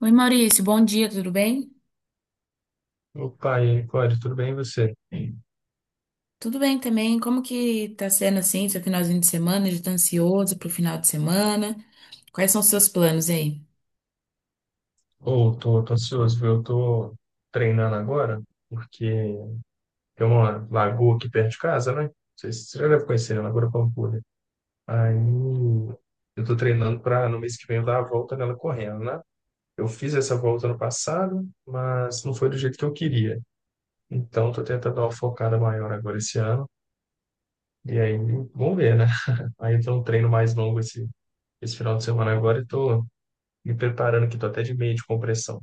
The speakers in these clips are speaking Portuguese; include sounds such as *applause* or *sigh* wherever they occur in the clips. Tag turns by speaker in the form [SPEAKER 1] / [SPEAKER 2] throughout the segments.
[SPEAKER 1] Oi, Maurício, bom dia, tudo bem?
[SPEAKER 2] Opa, e aí, Cláudio, tudo bem e você?
[SPEAKER 1] Tudo bem também. Como que tá sendo assim, seu finalzinho de semana? Já tá ansioso pro final de semana? Quais são os seus planos aí?
[SPEAKER 2] Ou tô ansioso, viu? Eu tô treinando agora, porque tem uma lagoa aqui perto de casa, né? Não sei se você já deve conhecer, né? Lagoa da Pampulha. Aí eu tô treinando para no mês que vem eu dar a volta nela correndo, né? Eu fiz essa volta no passado, mas não foi do jeito que eu queria. Então tô tentando dar uma focada maior agora esse ano. E aí, vamos ver, né? *laughs* Aí eu tenho um treino mais longo esse final de semana agora e tô me preparando aqui, tô até de meia de compressão.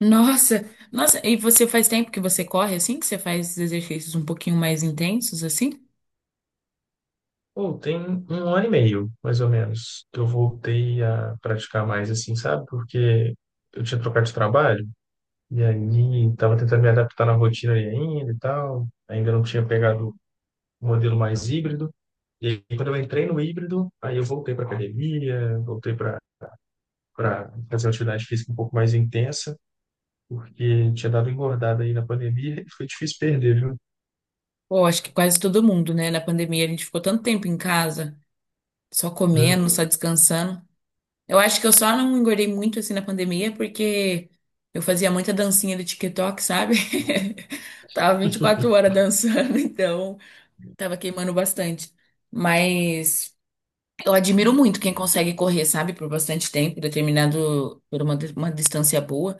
[SPEAKER 1] Nossa, nossa, e você faz tempo que você corre assim, que você faz esses exercícios um pouquinho mais intensos assim?
[SPEAKER 2] Ou tem um ano e meio, mais ou menos, que eu voltei a praticar mais assim, sabe? Porque eu tinha trocado de trabalho e aí estava tentando me adaptar na rotina ali ainda e tal. Ainda não tinha pegado o modelo mais híbrido. E aí, quando eu entrei no híbrido, aí eu voltei para academia, voltei para fazer uma atividade física um pouco mais intensa, porque tinha dado engordada aí na pandemia e foi difícil perder, viu?
[SPEAKER 1] Pô, acho que quase todo mundo, né? Na pandemia a gente ficou tanto tempo em casa, só comendo,
[SPEAKER 2] Uhum.
[SPEAKER 1] só descansando. Eu acho que eu só não engordei muito assim na pandemia porque eu fazia muita dancinha do TikTok, sabe? *laughs* Tava 24 horas dançando, *laughs* então tava queimando bastante. Mas eu admiro muito quem consegue correr, sabe, por bastante tempo, determinado por uma distância boa,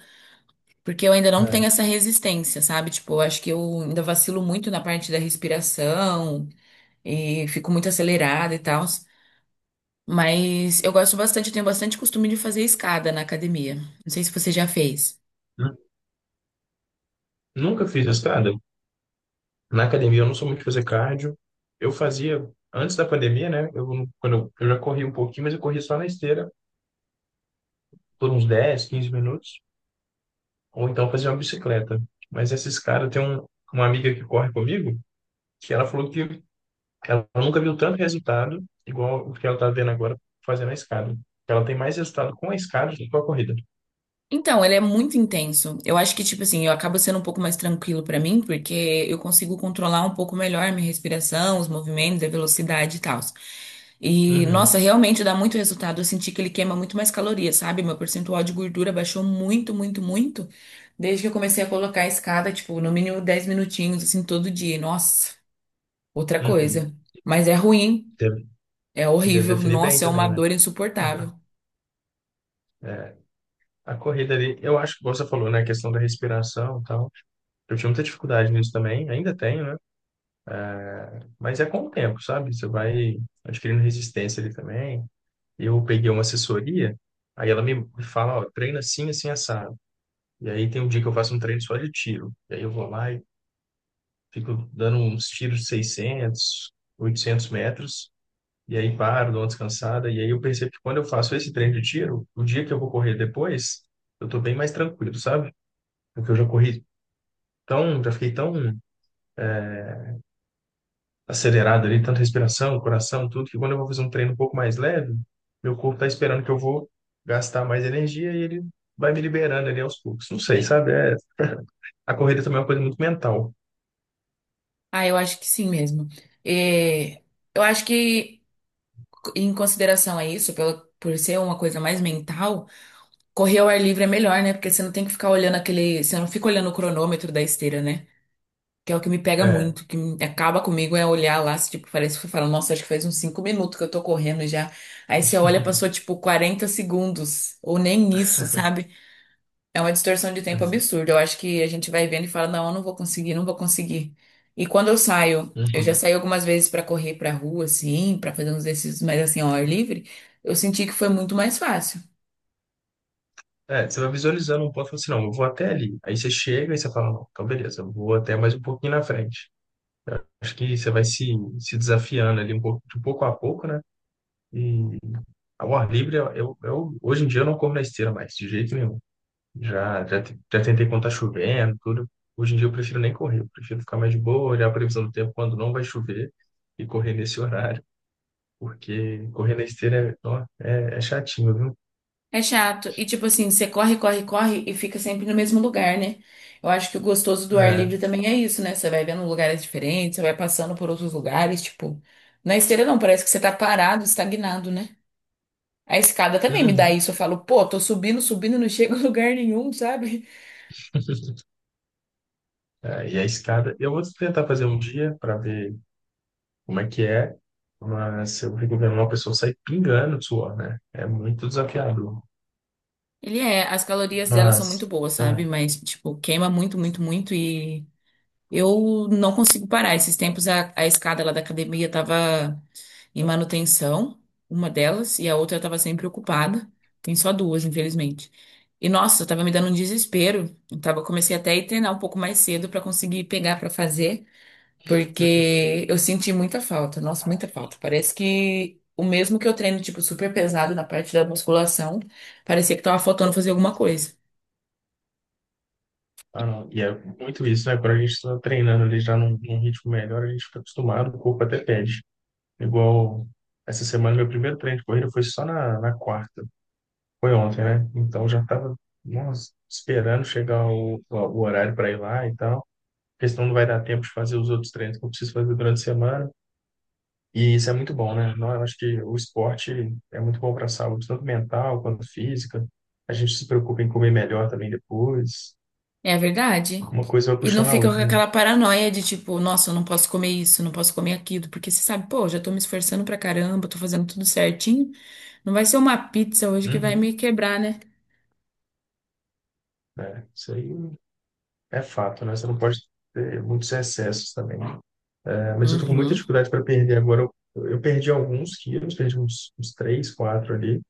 [SPEAKER 1] porque eu ainda não tenho
[SPEAKER 2] É.
[SPEAKER 1] essa resistência, sabe? Tipo, eu acho que eu ainda vacilo muito na parte da respiração e fico muito acelerada e tal. Mas eu gosto bastante, eu tenho bastante costume de fazer escada na academia. Não sei se você já fez.
[SPEAKER 2] Nu- Nunca fiz escada? Na academia eu não sou muito de fazer cardio. Eu fazia antes da pandemia, né? Eu, não- quando eu já corri um pouquinho, mas eu corri só na esteira por uns 10 15 minutos, ou então fazia uma bicicleta. Mas esses caras, tem um, uma amiga que corre comigo, que ela falou que ela nunca viu tanto resultado igual o que ela tá vendo agora fazendo a escada. Ela tem mais resultado com a escada do que com a corrida.
[SPEAKER 1] Então, ele é muito intenso. Eu acho que, tipo assim, eu acabo sendo um pouco mais tranquilo pra mim, porque eu consigo controlar um pouco melhor a minha respiração, os movimentos, a velocidade e tal. E, nossa,
[SPEAKER 2] Uhum,
[SPEAKER 1] realmente dá muito resultado. Eu senti que ele queima muito mais calorias, sabe? Meu percentual de gordura baixou muito, muito, muito. Desde que eu comecei a colocar a escada, tipo, no mínimo 10 minutinhos, assim, todo dia. Nossa, outra
[SPEAKER 2] uhum.
[SPEAKER 1] coisa. Mas é ruim.
[SPEAKER 2] Deve,
[SPEAKER 1] É
[SPEAKER 2] e deve
[SPEAKER 1] horrível.
[SPEAKER 2] definir bem
[SPEAKER 1] Nossa, é uma
[SPEAKER 2] também, né?
[SPEAKER 1] dor insuportável.
[SPEAKER 2] *laughs* A corrida ali, eu acho que você falou, né? A questão da respiração e tal. Eu tinha muita dificuldade nisso também, ainda tenho, né? Mas é com o tempo, sabe? Você vai adquirindo resistência ali também. Eu peguei uma assessoria, aí ela me fala, ó, treina assim, assim, assado. E aí tem um dia que eu faço um treino só de tiro. E aí eu vou lá e fico dando uns tiros de 600, 800 metros. E aí paro, dou uma descansada. E aí eu percebo que quando eu faço esse treino de tiro, o dia que eu vou correr depois, eu tô bem mais tranquilo, sabe? Porque eu já corri tão, já fiquei tão acelerado ali, tanta respiração, coração, tudo, que quando eu vou fazer um treino um pouco mais leve, meu corpo tá esperando que eu vou gastar mais energia e ele vai me liberando ali aos poucos. Não sei, sabe? É, a corrida também é uma coisa muito mental.
[SPEAKER 1] Ah, eu acho que sim mesmo. É, eu acho que, em consideração a isso, por ser uma coisa mais mental, correr ao ar livre é melhor, né? Porque você não tem que ficar olhando aquele. Você não fica olhando o cronômetro da esteira, né? Que é o que me pega
[SPEAKER 2] É,
[SPEAKER 1] muito, acaba comigo é olhar lá, se, tipo, parece que você fala, nossa, acho que faz uns 5 minutos que eu tô correndo já. Aí você olha, passou
[SPEAKER 2] *laughs*
[SPEAKER 1] tipo 40 segundos, ou nem isso, sabe? É uma distorção de tempo
[SPEAKER 2] é.
[SPEAKER 1] absurda. Eu acho que a gente vai vendo e fala, não, eu não vou conseguir, não vou conseguir. E quando eu saio, eu já
[SPEAKER 2] Uhum.
[SPEAKER 1] saí algumas vezes pra correr pra rua, assim, pra fazer uns exercícios mais assim ao ar livre, eu senti que foi muito mais fácil.
[SPEAKER 2] É, é, você vai visualizando um ponto e fala assim, não, eu vou até ali. Aí você chega e você fala, não, então beleza, eu vou até mais um pouquinho na frente. Acho que você vai se desafiando ali um pouco, de pouco a pouco, né? E ao ar livre, hoje em dia eu não corro na esteira mais, de jeito nenhum. Já tentei quando tá chovendo, tudo. Hoje em dia eu prefiro nem correr, eu prefiro ficar mais de boa, olhar a previsão do tempo quando não vai chover e correr nesse horário, porque correr na esteira é chatinho, viu?
[SPEAKER 1] É chato. E tipo assim, você corre, corre, corre e fica sempre no mesmo lugar, né? Eu acho que o gostoso do ar
[SPEAKER 2] É.
[SPEAKER 1] livre também é isso, né? Você vai vendo lugares diferentes, você vai passando por outros lugares, tipo, na esteira não, parece que você tá parado, estagnado, né? A escada também me dá
[SPEAKER 2] Uhum.
[SPEAKER 1] isso. Eu falo, pô, tô subindo, subindo, não chego a *laughs* lugar nenhum, sabe?
[SPEAKER 2] *laughs* É, e a escada, eu vou tentar fazer um dia para ver como é que é, mas eu fico vendo uma pessoa sair pingando de suor, né? É muito desafiador.
[SPEAKER 1] Ele é, as calorias dela são muito
[SPEAKER 2] Mas,
[SPEAKER 1] boas,
[SPEAKER 2] é,
[SPEAKER 1] sabe? Mas, tipo, queima muito, muito, muito e eu não consigo parar. Esses tempos a escada lá da academia tava em manutenção, uma delas, e a outra tava sempre ocupada. Tem só duas, infelizmente. E nossa, tava me dando um desespero. Eu tava, comecei até a ir treinar um pouco mais cedo pra conseguir pegar pra fazer. Porque eu senti muita falta, nossa, muita falta. Parece que o mesmo que eu treino, tipo, super pesado na parte da musculação, parecia que tava faltando fazer alguma coisa.
[SPEAKER 2] ah, não. E é muito isso, né? Quando a gente está treinando ali já num ritmo melhor, a gente fica acostumado, o corpo até pede. Igual essa semana, meu primeiro treino de corrida foi só na quarta. Foi ontem, né? Então já estava, nossa, esperando chegar o horário para ir lá e tal. Porque senão não vai dar tempo de fazer os outros treinos que eu preciso fazer durante a semana. E isso é muito bom, né? Não, eu acho que o esporte é muito bom para a saúde, tanto mental quanto física. A gente se preocupa em comer melhor também depois.
[SPEAKER 1] É verdade.
[SPEAKER 2] Uma coisa vai
[SPEAKER 1] E não
[SPEAKER 2] puxando a
[SPEAKER 1] fica com
[SPEAKER 2] outra, né?
[SPEAKER 1] aquela paranoia de tipo, nossa, eu não posso comer isso, não posso comer aquilo, porque você sabe, pô, já tô me esforçando pra caramba, tô fazendo tudo certinho. Não vai ser uma pizza hoje que vai me
[SPEAKER 2] Uhum.
[SPEAKER 1] quebrar, né?
[SPEAKER 2] É, isso aí é fato, né? Você não pode ter muitos excessos também. É, mas eu tô com muita
[SPEAKER 1] Uhum.
[SPEAKER 2] dificuldade para perder agora. Eu perdi alguns quilos, perdi uns 3 4 ali,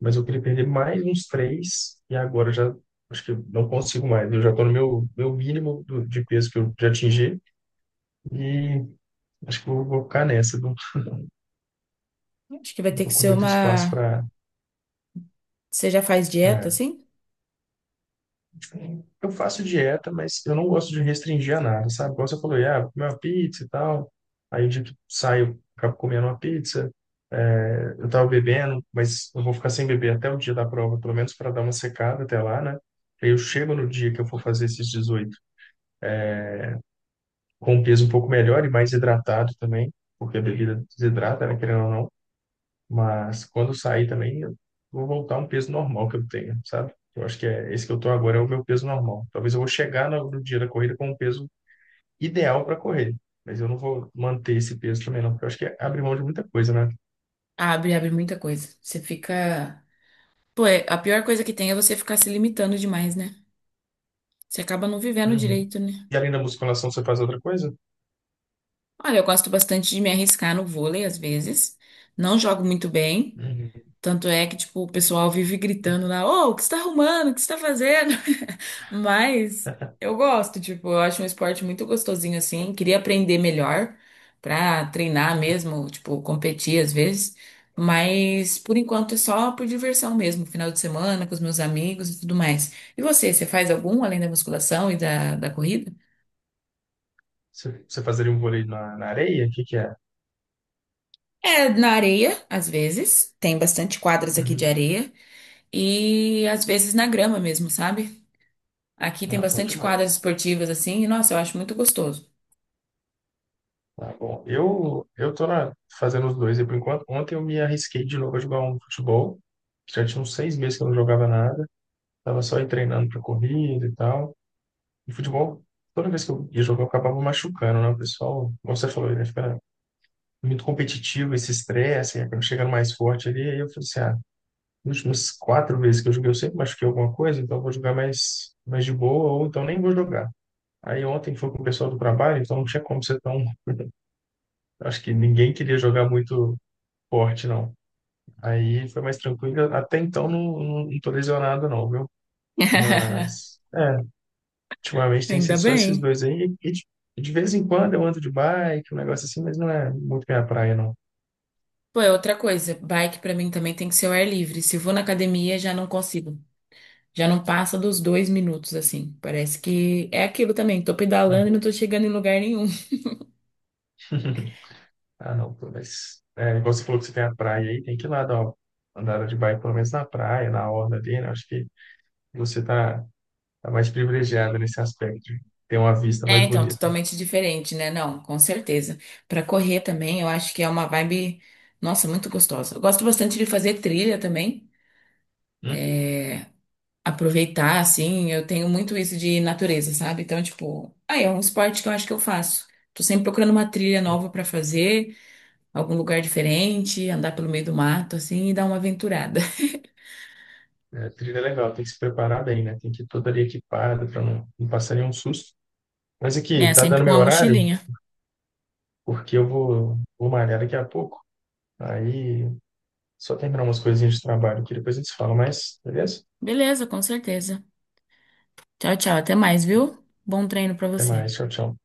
[SPEAKER 2] mas eu queria perder mais uns 3 e agora eu já acho que eu não consigo mais. Eu já tô no meu mínimo de peso que eu já atingi e acho que eu vou ficar nessa. Não,
[SPEAKER 1] Acho que vai
[SPEAKER 2] não
[SPEAKER 1] ter que
[SPEAKER 2] tô com
[SPEAKER 1] ser
[SPEAKER 2] muito espaço
[SPEAKER 1] uma.
[SPEAKER 2] para.
[SPEAKER 1] Você já faz dieta, assim?
[SPEAKER 2] Eu faço dieta, mas eu não gosto de restringir a nada, sabe? Como você falou, ah, vou comer uma pizza e tal. Aí o dia que saio, acabo comendo uma pizza. É, eu tava bebendo, mas eu vou ficar sem beber até o dia da prova, pelo menos para dar uma secada até lá, né? Aí eu chego no dia que eu for fazer esses 18 com um peso um pouco melhor e mais hidratado também, porque a bebida desidrata, né? Querendo ou não. Mas quando eu sair também, eu vou voltar a um peso normal que eu tenho, sabe? Eu acho que é esse que eu tô agora é o meu peso normal. Talvez eu vou chegar no dia da corrida com um peso ideal para correr, mas eu não vou manter esse peso também não, porque eu acho que é abrir mão de muita coisa, né?
[SPEAKER 1] Abre, abre muita coisa. Você fica. Pô, a pior coisa que tem é você ficar se limitando demais, né? Você acaba não vivendo
[SPEAKER 2] Uhum.
[SPEAKER 1] direito, né?
[SPEAKER 2] E além da musculação, você faz outra coisa?
[SPEAKER 1] Olha, eu gosto bastante de me arriscar no vôlei, às vezes. Não jogo muito bem.
[SPEAKER 2] Uhum.
[SPEAKER 1] Tanto é que, tipo, o pessoal vive gritando lá, ô, o que você tá arrumando? O que você tá fazendo? *laughs* Mas eu gosto, tipo, eu acho um esporte muito gostosinho assim. Queria aprender melhor pra treinar mesmo, tipo, competir às vezes. Mas por enquanto é só por diversão mesmo, final de semana com os meus amigos e tudo mais. E você, você faz algum além da musculação e da corrida?
[SPEAKER 2] Você fazeria um vôlei na areia? O que que é?
[SPEAKER 1] É, na areia, às vezes. Tem bastante quadras aqui de
[SPEAKER 2] Uhum.
[SPEAKER 1] areia. E às vezes na grama mesmo, sabe? Aqui tem
[SPEAKER 2] Ah, bom
[SPEAKER 1] bastante quadras
[SPEAKER 2] demais.
[SPEAKER 1] esportivas assim, e nossa, eu acho muito gostoso.
[SPEAKER 2] Tá bom. Eu tô fazendo os dois aí por enquanto. Ontem eu me arrisquei de novo a jogar um futebol. Já tinha uns 6 meses que eu não jogava nada. Tava só aí treinando pra corrida e tal. E futebol, toda vez que eu ia jogar, eu acabava machucando, né? O pessoal, como você falou, né? Fica muito competitivo, esse estresse, aí acaba chegando mais forte ali. Aí eu falei assim, ah, nas últimas quatro vezes que eu joguei, eu sempre machuquei alguma coisa, então eu vou jogar mais, mais de boa, ou então nem vou jogar. Aí ontem foi com o pessoal do trabalho, então não tinha como ser tão. *laughs* Acho que ninguém queria jogar muito forte, não. Aí foi mais tranquilo. Até então não tô lesionado, não, viu?
[SPEAKER 1] *laughs*
[SPEAKER 2] Mas. É, ultimamente tem sido
[SPEAKER 1] Ainda
[SPEAKER 2] só esses
[SPEAKER 1] bem.
[SPEAKER 2] dois aí. E de vez em quando eu ando de bike, um negócio assim, mas não é muito minha praia, não.
[SPEAKER 1] Pô, é outra coisa, bike pra mim também tem que ser ao ar livre. Se eu vou na academia, já não consigo. Já não passa dos 2 minutos, assim. Parece que é aquilo também. Tô pedalando e não
[SPEAKER 2] Aham.
[SPEAKER 1] tô chegando em lugar nenhum. *laughs*
[SPEAKER 2] *laughs* Ah, não, pô, mas é, igual você falou que você tem a praia aí, tem que ir lá dar uma andada de bike, pelo menos na praia, na orla ali, né? Acho que você tá mais privilegiado nesse aspecto, de ter uma vista
[SPEAKER 1] É,
[SPEAKER 2] mais
[SPEAKER 1] então,
[SPEAKER 2] bonita.
[SPEAKER 1] totalmente diferente, né? Não, com certeza. Pra correr também, eu acho que é uma vibe, nossa, muito gostosa. Eu gosto bastante de fazer trilha também.
[SPEAKER 2] Uhum.
[SPEAKER 1] Aproveitar, assim, eu tenho muito isso de natureza, sabe? Então, tipo, aí é um esporte que eu acho que eu faço. Tô sempre procurando uma trilha nova pra fazer, algum lugar diferente, andar pelo meio do mato, assim, e dar uma aventurada. *laughs*
[SPEAKER 2] É, trilha é legal, tem que se preparar bem, né? Tem que ir todo ali equipado para não passar nenhum susto. Mas aqui,
[SPEAKER 1] É,
[SPEAKER 2] tá
[SPEAKER 1] sempre
[SPEAKER 2] dando
[SPEAKER 1] com
[SPEAKER 2] meu
[SPEAKER 1] uma
[SPEAKER 2] horário,
[SPEAKER 1] mochilinha.
[SPEAKER 2] porque eu vou malhar daqui a pouco. Aí só terminar umas coisinhas de trabalho que depois a gente se fala mais, beleza?
[SPEAKER 1] Beleza, com certeza. Tchau, tchau, até mais, viu? Bom treino pra
[SPEAKER 2] Até
[SPEAKER 1] você.
[SPEAKER 2] mais, tchau, tchau.